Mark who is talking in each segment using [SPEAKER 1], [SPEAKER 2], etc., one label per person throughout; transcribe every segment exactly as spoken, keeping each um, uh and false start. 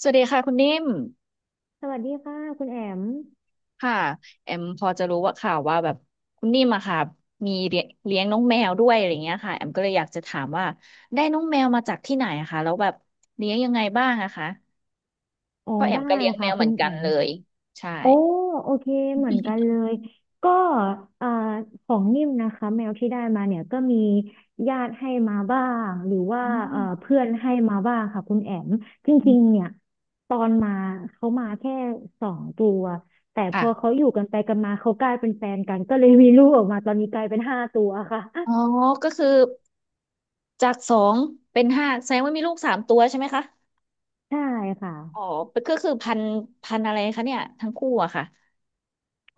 [SPEAKER 1] สวัสดีค่ะคุณนิ่ม
[SPEAKER 2] สวัสดีค่ะคุณแอม
[SPEAKER 1] ค่ะแอมพอจะรู้ว่าข่าวว่าแบบคุณนิ่มอะค่ะมีเลี้ยงเลี้ยงน้องแมวด้วยอะไรเงี้ยค่ะแอมก็เลยอยากจะถามว่าได้น้องแมวมาจากที่ไหนอะคะแล้วแบบเลี้ยงยังไงบ้างอะคะ
[SPEAKER 2] อ๋อ
[SPEAKER 1] เพราะแอ
[SPEAKER 2] ได้
[SPEAKER 1] มก็เลี้ยงแม
[SPEAKER 2] ค่ะ
[SPEAKER 1] วเห
[SPEAKER 2] คุ
[SPEAKER 1] มือ
[SPEAKER 2] ณ
[SPEAKER 1] น
[SPEAKER 2] แอ
[SPEAKER 1] กัน
[SPEAKER 2] ม
[SPEAKER 1] เลยใช่
[SPEAKER 2] โอ้โอเคเหมือนกัน เลย ก็เอ่อของนิ่มนะคะแมวที่ได้มาเนี่ยก็มีญาติให้มาบ้างหรือว่า
[SPEAKER 1] อื
[SPEAKER 2] เอ่
[SPEAKER 1] ม
[SPEAKER 2] อเพื่อนให้มาบ้างค่ะคุณแอมจ
[SPEAKER 1] อื
[SPEAKER 2] ริ
[SPEAKER 1] ม
[SPEAKER 2] งๆเนี่ยตอนมาเขามาแค่สองตัว แต่พ
[SPEAKER 1] ค่ะ
[SPEAKER 2] อเขาอยู่กันไปกันมาเขากลายเป็นแฟนกันก็เลยมีลูกออกมาตอนนี้กลายเป็นห้าตัวค่ะ
[SPEAKER 1] อ๋อก็คือจากสองเป็นห้าแสดงว่ามีลูกสามตัวใช่ไหมคะ
[SPEAKER 2] ใช่ค่ะ
[SPEAKER 1] อ๋อก็คือพันพันอะไรคะเนี่ยทั้งคู่อะค่ะ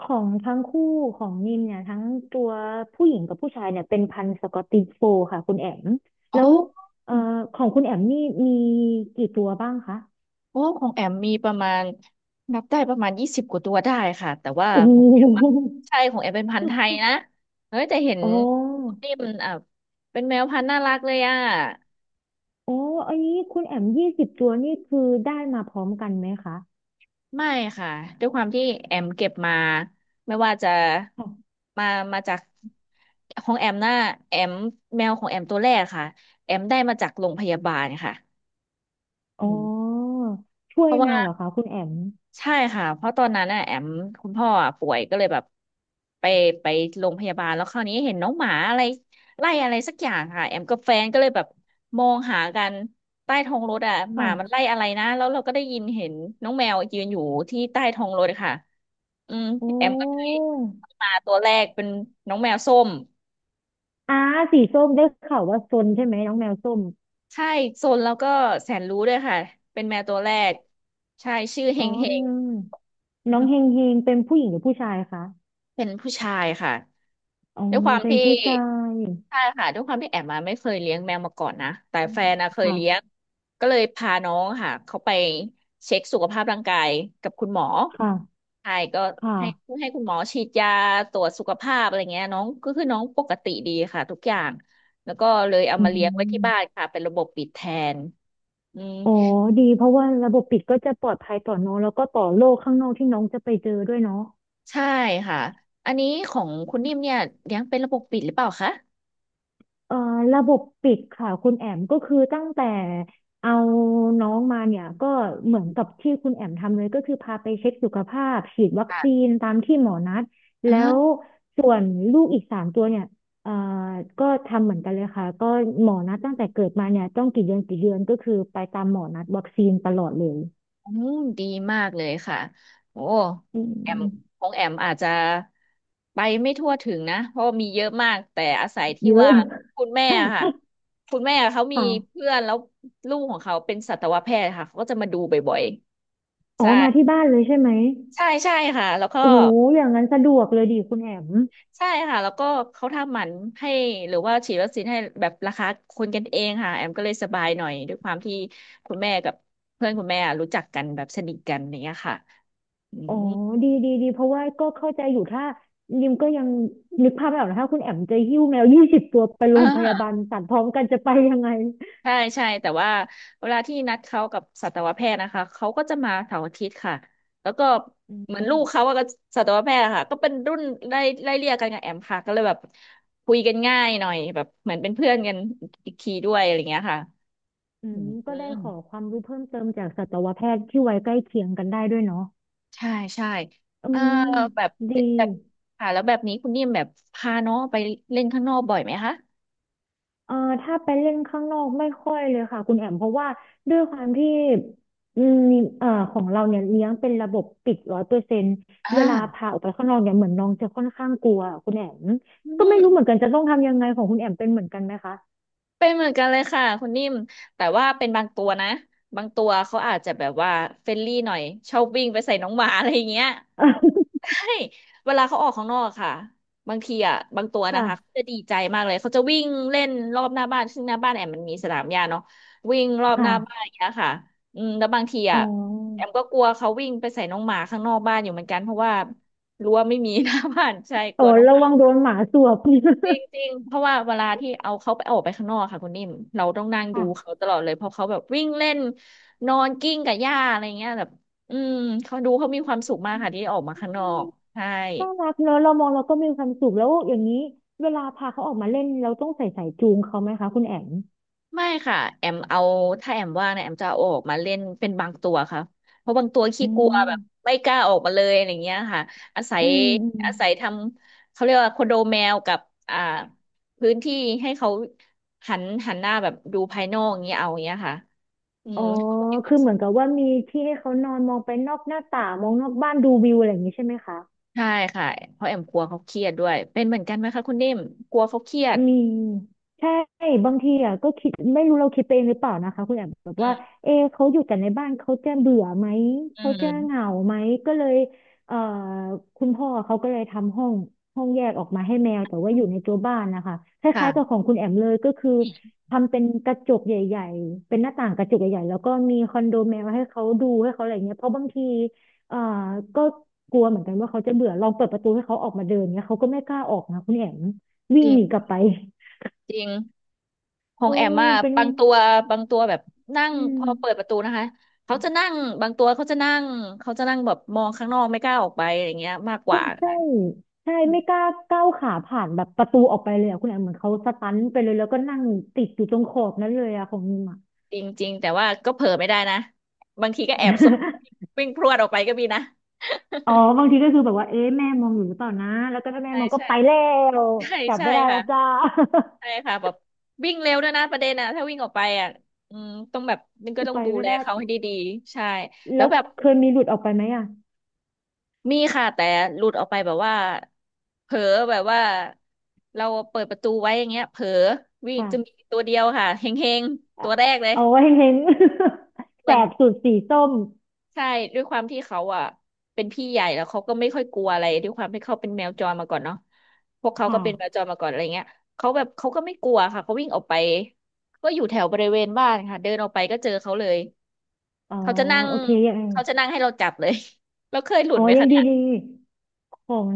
[SPEAKER 2] ของทั้งคู่ของนิมเนี่ยทั้งตัวผู้หญิงกับผู้ชายเนี่ยเป็นพันธุ์สกอตติชโฟลด์ค่ะคุณแอม
[SPEAKER 1] อ๋อ
[SPEAKER 2] แล้วเอ่อของคุณแอมนี่มีกี่ตัวบ้างคะ
[SPEAKER 1] โอ้ของแอมมีประมาณนับได้ประมาณยี่สิบกว่าตัวได้ค่ะแต่ว่า
[SPEAKER 2] โอ้
[SPEAKER 1] ของแอมอะ
[SPEAKER 2] โห
[SPEAKER 1] ใช่ของแอมเป็นพันธุ์ไทยนะเฮ้ยแต่เห็น
[SPEAKER 2] อ๋อ
[SPEAKER 1] นี่มันอ่ะเป็นแมวพันธุ์น่ารักเลยอ่ะ
[SPEAKER 2] อ๋ออันนี้คุณแอมยี่สิบตัวนี่คือได้มาพร้อมกันไหมคะ
[SPEAKER 1] ไม่ค่ะด้วยความที่แอมเก็บมาไม่ว่าจะ
[SPEAKER 2] ค่ะ
[SPEAKER 1] มามาจากของแอมน่ะแอมแมวของแอมตัวแรกค่ะแอมได้มาจากโรงพยาบาลค่ะ
[SPEAKER 2] อ๋อ
[SPEAKER 1] อืม
[SPEAKER 2] ช่
[SPEAKER 1] เพ
[SPEAKER 2] วย
[SPEAKER 1] ราะว่า
[SPEAKER 2] มาเหรอคะคุณแอม
[SPEAKER 1] ใช่ค่ะเพราะตอนนั้นน่ะแอมคุณพ่ออ่ะป่วยก็เลยแบบไปไปโรงพยาบาลแล้วคราวนี้เห็นน้องหมาอะไรไล่อะไรสักอย่างค่ะแอมกับแฟนก็เลยแบบมองหากันใต้ท้องรถอ่ะหมา
[SPEAKER 2] ค่ะ
[SPEAKER 1] มันไล่อะไรนะแล้วเราก็ได้ยินเห็นน้องแมวยืนอยู่ที่ใต้ท้องรถค่ะอืม
[SPEAKER 2] โอ
[SPEAKER 1] แอมก็เลย
[SPEAKER 2] ้
[SPEAKER 1] มาตัวแรกเป็นน้องแมวส้ม
[SPEAKER 2] อาสีส้มได้ข่าวว่าซนใช่ไหมน้องแมวส้ม
[SPEAKER 1] ใช่โซนแล้วก็แสนรู้ด้วยค่ะเป็นแมวตัวแรกใช่ชื่อเฮ
[SPEAKER 2] อ๋
[SPEAKER 1] งเฮง
[SPEAKER 2] อน้องเฮงเฮงเป็นผู้หญิงหรือผู้ชายคะ
[SPEAKER 1] เป็นผู้ชายค่ะ
[SPEAKER 2] อ๋อ
[SPEAKER 1] ด้วยความ
[SPEAKER 2] เป็น
[SPEAKER 1] ที่
[SPEAKER 2] ผู้ชาย
[SPEAKER 1] ใช่ค่ะด้วยความที่แอมมาไม่เคยเลี้ยงแมวมาก่อนนะแต่
[SPEAKER 2] อื
[SPEAKER 1] แฟ
[SPEAKER 2] ม
[SPEAKER 1] นนะเคย
[SPEAKER 2] ค่ะ
[SPEAKER 1] เลี้ยงก็เลยพาน้องค่ะเขาไปเช็คสุขภาพร่างกายกับคุณหมอ
[SPEAKER 2] ค่ะ
[SPEAKER 1] ใช่ก็
[SPEAKER 2] ค่ะ
[SPEAKER 1] ให้ให้คุณหมอฉีดยาตรวจสุขภาพอะไรเงี้ยน้องก็คือน้องปกติดีค่ะทุกอย่างแล้วก็เลยเอา
[SPEAKER 2] อื
[SPEAKER 1] มาเลี้ยงไว้ที่
[SPEAKER 2] ม
[SPEAKER 1] บ้านค่ะเป็นระบบปิดแทนอืม
[SPEAKER 2] อ๋อดีเพราะว่าระบบปิดก็จะปลอดภัยต่อน้องแล้วก็ต่อโลกข้างนอกที่น้องจะไปเจอด้วยเนาะ
[SPEAKER 1] ใช่ค่ะอันนี้ของคุณนิ่มเนี่ยเลี้ยงเป็นระบบปิดหรือเปล่าคะ
[SPEAKER 2] เอ่อระบบปิดค่ะคุณแอมก็คือตั้งแต่เอาน้องมาเนี่ยก็เหมือนกับที่คุณแอมทำเลยก็คือพาไปเช็คสุขภาพฉีดวัคซี
[SPEAKER 1] ค่ะ
[SPEAKER 2] นตามที่หมอนัดแล้วส่วนลูกอีกสามตัวเนี่ยเอ่อก็ทำเหมือนกันเลยค่ะก็หมอนัดตั้งแต่เกิดมาเนี่ยต้องกี่เดือนกี่เดือนก็คือไปตามหมอนัดวัคซีนตลอดเลย
[SPEAKER 1] อืมดีมากเลยค่ะโอ้
[SPEAKER 2] อื
[SPEAKER 1] แอม
[SPEAKER 2] ม
[SPEAKER 1] ของแอมอาจจะไปไม่ทั่วถึงนะเพราะมีเยอะมากแต่อาศัยที่
[SPEAKER 2] เยอะ
[SPEAKER 1] ว่าคุณแม่อะค่ะ คุณแม่เขามี
[SPEAKER 2] ค่ะ
[SPEAKER 1] เพื่อนแล้วลูกของเขาเป็นสัตวแพทย์ค่ะเขาก็จะมาดูบ่อยๆ
[SPEAKER 2] อ๋อ
[SPEAKER 1] ใช่
[SPEAKER 2] มาที่บ้านเลยใช่ไหม
[SPEAKER 1] ใช่ใช่ค่ะแล้วก็
[SPEAKER 2] โอ้โหอย่างนั้นสะดวกเลยดิคุณแอม
[SPEAKER 1] ใช่ค่ะแล้วก็เขาทำหมันให้หรือว่าฉีดวัคซีนให้แบบราคาคนกันเองค่ะแอมก็เลยสบายหน่อยด้วยความที่คุณแม่กับเพื่อนคุณแม่รู้จักกันแบบสนิทกันอย่างเนี้ยค่ะอื
[SPEAKER 2] อ๋อ
[SPEAKER 1] ม
[SPEAKER 2] ดีดีดีเพราะว่าก็เข้าใจอยู่ถ้ายิมก็ยังนึกภาพไม่ออกนะถ้าคุณแอมจะหิ้วแมวยี่สิบตัวไปโร
[SPEAKER 1] อ่า
[SPEAKER 2] งพยาบาลสัตว์พร้อมกันจะไปยังไง
[SPEAKER 1] ใช่ใช่แต่ว่าเวลาที่นัดเขากับสัตวแพทย์นะคะเขาก็จะมาเสาร์อาทิตย์ค่ะแล้วก็
[SPEAKER 2] อื
[SPEAKER 1] เหมือนลู
[SPEAKER 2] ม
[SPEAKER 1] กเขาอะก็สัตวแพทย์อะค่ะก็เป็นรุ่นไล่ไล่เลี่ยกันกับแอมค่ะก็เลยแบบคุยกันง่ายหน่อยแบบเหมือนเป็นเพื่อนกันอีกทีด้วยอะไรเงี้ยค่ะ
[SPEAKER 2] อื
[SPEAKER 1] อื
[SPEAKER 2] ม ก็ได้ขอ
[SPEAKER 1] ม
[SPEAKER 2] ความรู้เพิ่มเติมจากสัตวแพทย์ที่ไว้ใกล้เคียงกันได้ด้วยเนาะ
[SPEAKER 1] ใช่ใช่
[SPEAKER 2] อื
[SPEAKER 1] เออ
[SPEAKER 2] ม
[SPEAKER 1] แบบ
[SPEAKER 2] ดี
[SPEAKER 1] แบบค่ะแล้วแบบนี้คุณนิ่มแบบพาน้องไปเล่นข้างนอกบ่อยไหมคะ
[SPEAKER 2] เอ่อถ้าไปเล่นข้างนอกไม่ค่อยเลยค่ะคุณแอมเพราะว่าด้วยความที่อืมเอ่อของเราเนี่ยเลี้ยงเป็นระบบปิดร้อยเปอร์เซ็นต์เวลา
[SPEAKER 1] อ่า
[SPEAKER 2] พาออกไปข้างนอกเนี่ยเหมือนน้องจะค่อนข้างกลัวคุณแอม
[SPEAKER 1] อื
[SPEAKER 2] ก็ไม่รู้เหมือนกัน
[SPEAKER 1] ม
[SPEAKER 2] จะต้องทำยังไงของคุณแอมเป็นเหมือนกันไหมคะ
[SPEAKER 1] เป็นเหมือนกันเลยค่ะคุณนิ่มแต่ว่าเป็นบางตัวนะบางตัวเขาอาจจะแบบว่าเฟรนลี่หน่อยชอบวิ่งไปใส่น้องหมาอะไรอย่างเงี้ย ใช่เวลาเขาออกข้างนอกอะค่ะบางทีอ่ะบางตัวนะคะเขา
[SPEAKER 2] ค่ะ
[SPEAKER 1] จะดีใจมากเลยเขาจะวิ่งเล่นรอบหน้าบ้านซึ่งหน้าบ้านแอมมันมีสนามหญ้าเนาะวิ่งรอบหน้าบ้าน
[SPEAKER 2] ค่ะ
[SPEAKER 1] อย่างเงี้ยค่ะอืมแล้วบางที
[SPEAKER 2] อ๋
[SPEAKER 1] อ่ะแอ
[SPEAKER 2] อ
[SPEAKER 1] มก็กลัวเขาวิ่งไปใส่น้องหมาข้างนอกบ้านอยู่เหมือนกันเพราะว่ารั้วไม่มี หน้าบ้านใช่ก
[SPEAKER 2] โอ้
[SPEAKER 1] ลัวน้อง
[SPEAKER 2] ระวังโดนหมาสวบ
[SPEAKER 1] จริงๆเพราะว่าเวลาที่เอาเขาไปออกไปข้างนอกค่ะคุณนิ่มเราต้องนั่งดู
[SPEAKER 2] ค่ะ
[SPEAKER 1] เขาตลอดเลยเพราะเขาแบบวิ่งเล่นนอนกิ้งกับหญ้าอะไรเงี้ยแบบอืมเขาดูเขามีความสุขมากค่ะที่ได้ออกมาข้างนอกใช่
[SPEAKER 2] น่ารักเนอะเรามองเราก็มีความสุขแล้วอย่างนี้เวลาพาเขาออกมาเล่นเราต้องใส่สายจูงเขาไหมคะคุณแอม
[SPEAKER 1] ไม่ค่ะแอมเอาถ้าแอมว่างนะแอมจะเอาออกมาเล่นเป็นบางตัวค่ะเพราะบางตัวขี้
[SPEAKER 2] อื
[SPEAKER 1] กลัวแบ
[SPEAKER 2] ม
[SPEAKER 1] บไม่กล้าออกมาเลยอะไรเงี้ยค่ะอาศั
[SPEAKER 2] อื
[SPEAKER 1] ย
[SPEAKER 2] มอืม
[SPEAKER 1] อาศัยทำเขาเรียกว่าคอนโดแมวกับอ่าพื้นที่ให้เขาหันหันหน้าแบบดูภายนอกอย่างเงี้ยเอาอย่างเงี้ยค่ะ อื
[SPEAKER 2] อ๋อ
[SPEAKER 1] ม
[SPEAKER 2] คือเหมือนกับว่ามีที่ให้เขานอนมองไปนอกหน้าต่างมองนอกบ้านดูวิวอะไรอย่างนี้ใช่ไหมคะ
[SPEAKER 1] ใช่ค่ะเพราะแอมกลัวเขาเครียดด้วยเป็นเหมือนกันไหมคะคุณนิ่มกลัวเขาเครียด
[SPEAKER 2] มีใช่บางทีอ่ะก็คิดไม่รู้เราคิดไปเองหรือเปล่านะคะคุณแอบแบบ
[SPEAKER 1] อื
[SPEAKER 2] ว่า
[SPEAKER 1] ม
[SPEAKER 2] เอะเขาอยู่แต่ในบ้านเขาจะเบื่อไหม
[SPEAKER 1] อื
[SPEAKER 2] เขาจะเหงา
[SPEAKER 1] ม
[SPEAKER 2] ไหมก็เลยเอ่อคุณพ่อเขาก็เลยทำห้องห้องแยกออกมาให้แมวแต่ว่า
[SPEAKER 1] อื
[SPEAKER 2] อ
[SPEAKER 1] ม
[SPEAKER 2] ยู่ในตัวบ้านนะคะค
[SPEAKER 1] ค่ะ
[SPEAKER 2] ล้ายๆกับของคุณแอมเลยก็คือ
[SPEAKER 1] จ
[SPEAKER 2] ทำเป็นกระจกใหญ่ๆเป็นหน้าต่างกระจกใหญ่ๆแล้วก็มีคอนโดแมวให้เขาดูให้เขาอะไรเงี้ยเพราะบางทีเอ่อก็กลัวเหมือนกันว่าเขาจะเบื่อลองเปิดประตูให้เขาออกมาเดินเงี้ยเขาก็ไม่กล้าออกนะคุณแอม วิ่ง
[SPEAKER 1] ริ
[SPEAKER 2] หนีกลับ
[SPEAKER 1] ง
[SPEAKER 2] ไป
[SPEAKER 1] จริงขอ
[SPEAKER 2] เอ
[SPEAKER 1] งแอม
[SPEAKER 2] อ
[SPEAKER 1] อะ
[SPEAKER 2] เป็น
[SPEAKER 1] บางตัวบางตัวแบบนั่ง
[SPEAKER 2] อื
[SPEAKER 1] พ
[SPEAKER 2] ม
[SPEAKER 1] อเปิดประตูนะคะเขาจะนั่งบางตัวเขาจะนั่งเขาจะนั่งแบบมองข้างนอกไม่กล้าออกไปอะไรเงี้ยมากกว่า
[SPEAKER 2] ใช่
[SPEAKER 1] ค่ะ
[SPEAKER 2] ใช่ไม่กล้าก้าวขาผ่านแบบประตูออกไปเลยอะคุณแอมเหมือนเขาสตันไปเลยแล้วก็นั่งติดอยู่ตรงขอบนั้นเลยอะของนิมอะ
[SPEAKER 1] จริงจริงแต่ว่าก็เผลอไม่ได้นะบางทีก็แอบสวน วิ่งพรวดออกไปก็มีนะ
[SPEAKER 2] อ๋อบางทีก็คือแบบว่าเอ๊ะแม่มองอยู่หรือเปล่านะแล้วก็ถ้าแม่
[SPEAKER 1] ใช่
[SPEAKER 2] มองก็
[SPEAKER 1] ใช่
[SPEAKER 2] ไปแล้ว
[SPEAKER 1] ใช่
[SPEAKER 2] จับ
[SPEAKER 1] ใช่
[SPEAKER 2] ไม่ได้แล้
[SPEAKER 1] ค่ะ
[SPEAKER 2] วจ้า
[SPEAKER 1] ใช่ค่ะแบบวิ่งเร็วด้วยนะประเด็นนะถ้าวิ่งออกไปอ่ะอืมต้องแบบนึง ก็
[SPEAKER 2] คือ
[SPEAKER 1] ต้อง
[SPEAKER 2] ไป
[SPEAKER 1] ดู
[SPEAKER 2] ไม่
[SPEAKER 1] แล
[SPEAKER 2] ได้
[SPEAKER 1] เขาให้ดีๆใช่แล้
[SPEAKER 2] แล้
[SPEAKER 1] ว
[SPEAKER 2] ว
[SPEAKER 1] แบบ
[SPEAKER 2] เคยมีหลุดออกไปไหมอ่ะ
[SPEAKER 1] มีค่ะแต่หลุดออกไปแบบว่าเผลอแบบว่าเราเปิดประตูไว้อย่างเงี้ยเผลอวิ่ง
[SPEAKER 2] ค่ะ
[SPEAKER 1] จะมีตัวเดียวค่ะเฮงๆ
[SPEAKER 2] อ่ะ
[SPEAKER 1] ตัวแรกเลย
[SPEAKER 2] เอาไว้เห็น
[SPEAKER 1] เห
[SPEAKER 2] แส
[SPEAKER 1] มือน
[SPEAKER 2] บสุดสีส้ม
[SPEAKER 1] ใช่ด้วยความที่เขาอ่ะเป็นพี่ใหญ่แล้วเขาก็ไม่ค่อยกลัวอะไรด้วยความที่เขาเป็นแมวจรมาก่อนเนาะพวกเขาก็เป็นแมว
[SPEAKER 2] ค่ะ
[SPEAKER 1] จรมาก่อนอะไรเงี้ยเขาแบบเขาก็ไม่กลัวค่ะเขาวิ่งออกไปก็อยู่แถวบริเวณบ้านค่ะเดินออกไปก็เจอเขาเลย
[SPEAKER 2] อ๋อ
[SPEAKER 1] เขาจะนั่ง
[SPEAKER 2] โอเคยังไง
[SPEAKER 1] เขาจะนั่งให้เราจับเลย แล้วเคยหลุ
[SPEAKER 2] อ๋
[SPEAKER 1] ด
[SPEAKER 2] อ
[SPEAKER 1] ไหม
[SPEAKER 2] ยั
[SPEAKER 1] คะ
[SPEAKER 2] งดี
[SPEAKER 1] เนี่ย
[SPEAKER 2] ดีของ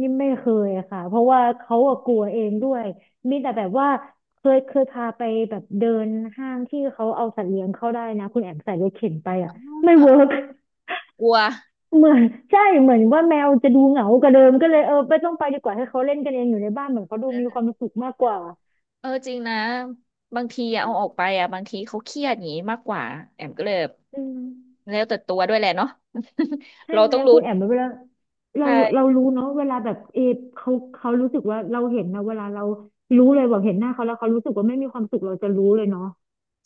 [SPEAKER 2] นี่ไม่เคยอะค่ะเพราะว่าเขาอะกลัวเองด้วย มีแต่แบบว่าเคยเคยพาไปแบบเดินห้างที่เขาเอาสัตว์เลี้ยงเข้าได้นะคุณแอมใส่รถเข็นไปอะไม่เวิร์
[SPEAKER 1] อา
[SPEAKER 2] ก
[SPEAKER 1] กลัว
[SPEAKER 2] เหมือนใช่เหมือนว่าแมวจะดูเหงากว่าเดิมก็เลยเออไม่ต้องไปดีกว่าให้เขาเล่นกันเองอยู่ในบ้านเหมือนเขาดูมีความสุขมากกว่า
[SPEAKER 1] เออจริงนะบางทีอะเอาออกไปอะบางทีเขาเครียดอย่างนี้มากกว่าแอมก็เลยแบบ
[SPEAKER 2] อืม
[SPEAKER 1] แล้วแต่ตัวด้วยแหละเนาะ
[SPEAKER 2] ใช่
[SPEAKER 1] เรา
[SPEAKER 2] ไหม
[SPEAKER 1] ต้องรู้
[SPEAKER 2] คุณแอมเวลาเรา
[SPEAKER 1] ใช่
[SPEAKER 2] เรารู้เนาะเวลาแบบเอเขาเขารู้สึกว่าเราเห็นนะเวลาเรารู้เลยแบบเห็นหน้าเขาแล้วเขารู้สึกว่าไม่มีความสุขเราจะรู้เลยเนาะ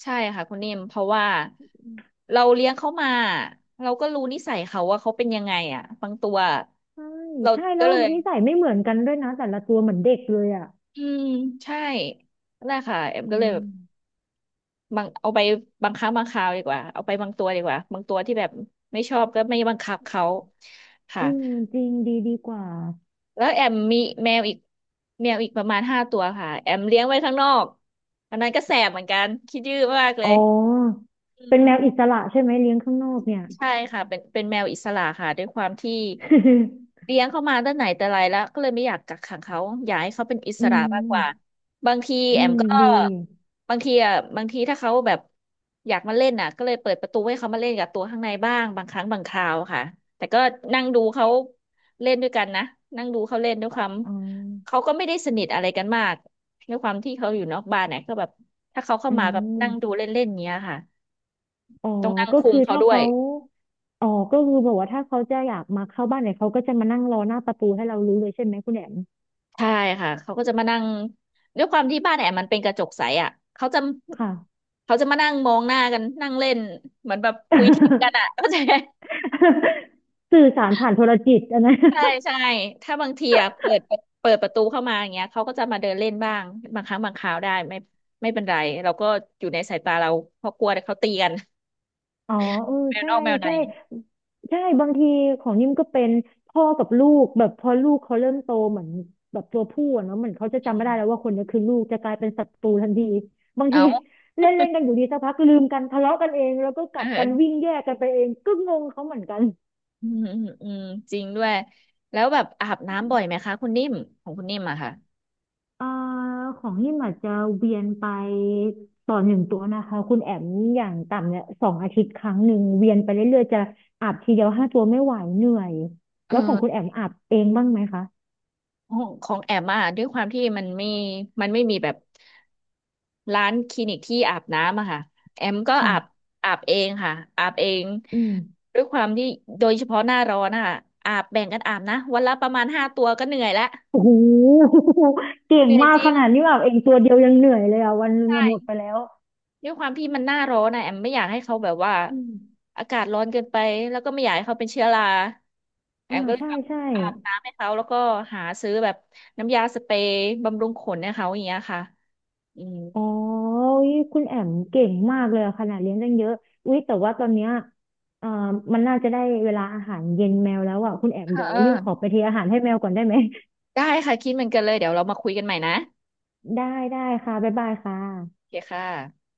[SPEAKER 1] ใช่ค่ะคุณนิ่มเพราะว่าเราเลี้ยงเขามาเราก็รู้นิสัยเขาว่าเขาเป็นยังไงอ่ะบางตัว
[SPEAKER 2] ใช่
[SPEAKER 1] เรา
[SPEAKER 2] ใช่
[SPEAKER 1] ก็
[SPEAKER 2] แล้ว
[SPEAKER 1] เลย
[SPEAKER 2] นิสัยไม่เหมือนกันด้วยนะแต่ละตัวเหมือนเด็กเลยอ่ะ
[SPEAKER 1] อืมใช่นั่นแหละค่ะแอม
[SPEAKER 2] อื
[SPEAKER 1] ก็เลยแบ
[SPEAKER 2] ม
[SPEAKER 1] บบางเอาไปบางครั้งบางคราวดีกว่าเอาไปบางตัวดีกว่าบางตัวที่แบบไม่ชอบก็ไม่บังคับเขา
[SPEAKER 2] เอ
[SPEAKER 1] ค่ะ
[SPEAKER 2] อจริงดีดีกว่า
[SPEAKER 1] แล้วแอมมีแมวอีกแมวอีกประมาณห้าตัวค่ะแอมเลี้ยงไว้ข้างนอกอันนั้นก็แสบเหมือนกันคิดยื้อมากเล
[SPEAKER 2] อ๋อ
[SPEAKER 1] ยอื
[SPEAKER 2] เป็นแม
[SPEAKER 1] ม
[SPEAKER 2] วอิสระใช่ไหมเลี้ยงข้างนอกเนี่ย
[SPEAKER 1] ใช่ค่ะเป็นเป็นแมวอิสระค่ะด้วยความที่เลี้ยงเขามาตั้งไหนแต่ไรแล้วก็เลยไม่อยากกักขังเขาอยากให้เขาเป็นอิ ส
[SPEAKER 2] อื
[SPEAKER 1] ระมากก
[SPEAKER 2] ม
[SPEAKER 1] ว่าบางที
[SPEAKER 2] อื
[SPEAKER 1] แอม
[SPEAKER 2] ม
[SPEAKER 1] ก็
[SPEAKER 2] ดี
[SPEAKER 1] บางทีอ่ะบางทีถ้าเขาแบบอยากมาเล่นน่ะก็เลยเปิดประตูให้เขามาเล่นกับตัวข้างในบ้างบางครั้งบางคราวค่ะแต่ก็นั่งดูเขาเล่นด้วยกันนะนั่งดูเขาเล่นด้วย
[SPEAKER 2] อ
[SPEAKER 1] ความ
[SPEAKER 2] ๋อ
[SPEAKER 1] เขาก็ไม่ได้สนิทอะไรกันมากด้วยความที่เขาอยู่นอกบ้านเนี่ยก็แบบถ้าเขาเข้า
[SPEAKER 2] อื
[SPEAKER 1] มาแบบนั่งดู
[SPEAKER 2] ม
[SPEAKER 1] เล่นๆเนี้ยค่ะ
[SPEAKER 2] อ๋อ
[SPEAKER 1] ต้องนั่ง
[SPEAKER 2] ก็
[SPEAKER 1] คุม
[SPEAKER 2] คือ
[SPEAKER 1] เขา
[SPEAKER 2] ถ้า
[SPEAKER 1] ด้วย
[SPEAKER 2] เขาอ๋อก็คือแบบว่าถ้าเขาจะอยากมาเข้าบ้านเนี่ยเขาก็จะมานั่งรอหน้าประตูให้เรารู้เลยใช่ไหมคุณแหม
[SPEAKER 1] ใช่ค่ะ เขาก็จะมานั่งด้วยความที่บ้านแอมมันเป็นกระจกใสอ่ะเขาจะ
[SPEAKER 2] ค่ะ
[SPEAKER 1] เขาจะมานั่งมองหน้ากันนั่งเล่นเหมือนแบบคุยทิพย์กันอ่ะ เข้าใจไหม
[SPEAKER 2] สื่อสารผ่านโทรจิตอันนั้น
[SPEAKER 1] ใช่ใช่ถ้าบางทีอะเปิดเปิดประตูเข้ามาอย่างเงี้ยเขาก็จะมาเดินเล่นบ้างบางครั้งบางคราวได้ไม่ไม่เป็นไรเราก็อยู่ในสายตาเราเพราะกลัวเดี๋ยวเขาตีกัน
[SPEAKER 2] อ๋อเออ
[SPEAKER 1] แมว
[SPEAKER 2] ใช่
[SPEAKER 1] นอกแมวใน
[SPEAKER 2] ใช่ใช่บางทีของนิ่มก็เป็นพ่อกับลูกแบบพอลูกเขาเริ่มโตเหมือนแบบตัวผู้อะเนาะเหมือนเขาจะ
[SPEAKER 1] อื
[SPEAKER 2] จำไม่
[SPEAKER 1] ม
[SPEAKER 2] ได้แล้วว่าคนนี้คือลูกจะกลายเป็นศัตรูทันทีบางที
[SPEAKER 1] เอา
[SPEAKER 2] เล่นเล่นกันอยู่ดีสักพักลืมกันทะเลาะกันเองแล้วก็ กัดกันวิ่
[SPEAKER 1] เออ
[SPEAKER 2] งแยกกันไปเองก็งงเขาเหมือนกัน
[SPEAKER 1] อืมอืมอืมจริงด้วยแล้วแบบอาบน้ำบ่อยไหมคะคุณนิ่มของคุณนิ่มอะค่ะ
[SPEAKER 2] เอ่อของนี่มอาจจะเวียนไปต่อหนึ่งตัวนะคะคุณแอมอย่างต่ำเนี่ยสองอาทิตย์ครั้งหนึ่งเวียนไปเรื่อยๆจะอาบทีเดียวห้าตัวไม่ไหวเหนื่อย
[SPEAKER 1] เอ
[SPEAKER 2] แล้วของคุณแอ
[SPEAKER 1] อ
[SPEAKER 2] มอาบเองบ้างไหมคะ
[SPEAKER 1] ของของแอมอ่ะด้วยความที่มันไม่มันไม่มีแบบร้านคลินิกที่อาบน้ำอะค่ะแอมก็อาบ
[SPEAKER 2] ค่ะ
[SPEAKER 1] อาบเองค่ะอาบเอง
[SPEAKER 2] อืม
[SPEAKER 1] ด้วยความที่โดยเฉพาะหน้าร้อนอะอาบแบ่งกันอาบนะวันละประมาณห้าตัวก็เหนื่อยแล้ว
[SPEAKER 2] โอ้โห เก่
[SPEAKER 1] เห
[SPEAKER 2] ง
[SPEAKER 1] นื่อย
[SPEAKER 2] มาก
[SPEAKER 1] จริ
[SPEAKER 2] ข
[SPEAKER 1] ง
[SPEAKER 2] นาดนี้อาบเองตัวเดียวยังเหนื่อยเลยอ่ะวันหนึงอะหมด
[SPEAKER 1] ใช่
[SPEAKER 2] ไปแล้ว
[SPEAKER 1] ด้วยความที่มันหน้าร้อนนะแอมไม่อยากให้เขาแบบว่า
[SPEAKER 2] อืม
[SPEAKER 1] อากาศร้อนเกินไปแล้วก็ไม่อยากให้เขาเป็นเชื้อราแอ
[SPEAKER 2] อ่า
[SPEAKER 1] มก็เลย
[SPEAKER 2] ใช่
[SPEAKER 1] แบบ
[SPEAKER 2] ใช่
[SPEAKER 1] อาบน้ำให้เขาแล้วก็หาซื้อแบบน้ำยาสเปรย์บำรุงขนให้เขาอย่างเงี้ยค่ะอืม
[SPEAKER 2] อ๋ออุ๊ยคุณแอมเก่งมากเลยอะขนาดเลี้ยงตั้งเยอะอุ๊ยแต่ว่าตอนเนี้ยเอ่อมันน่าจะได้เวลาอาหารเย็นแมวแล้วอ่ะคุณแอม
[SPEAKER 1] เออ
[SPEAKER 2] เดี๋ยว
[SPEAKER 1] เออ
[SPEAKER 2] รีบขอไปเทอาหารให้แมวก่อนได้ไหม
[SPEAKER 1] ได้ค่ะคิดเหมือนกันเลยเดี๋ยวเรามาคุยกันใหม่นะ
[SPEAKER 2] ได้ได้ค่ะบ๊ายบายค่ะ
[SPEAKER 1] โอเคค่ะ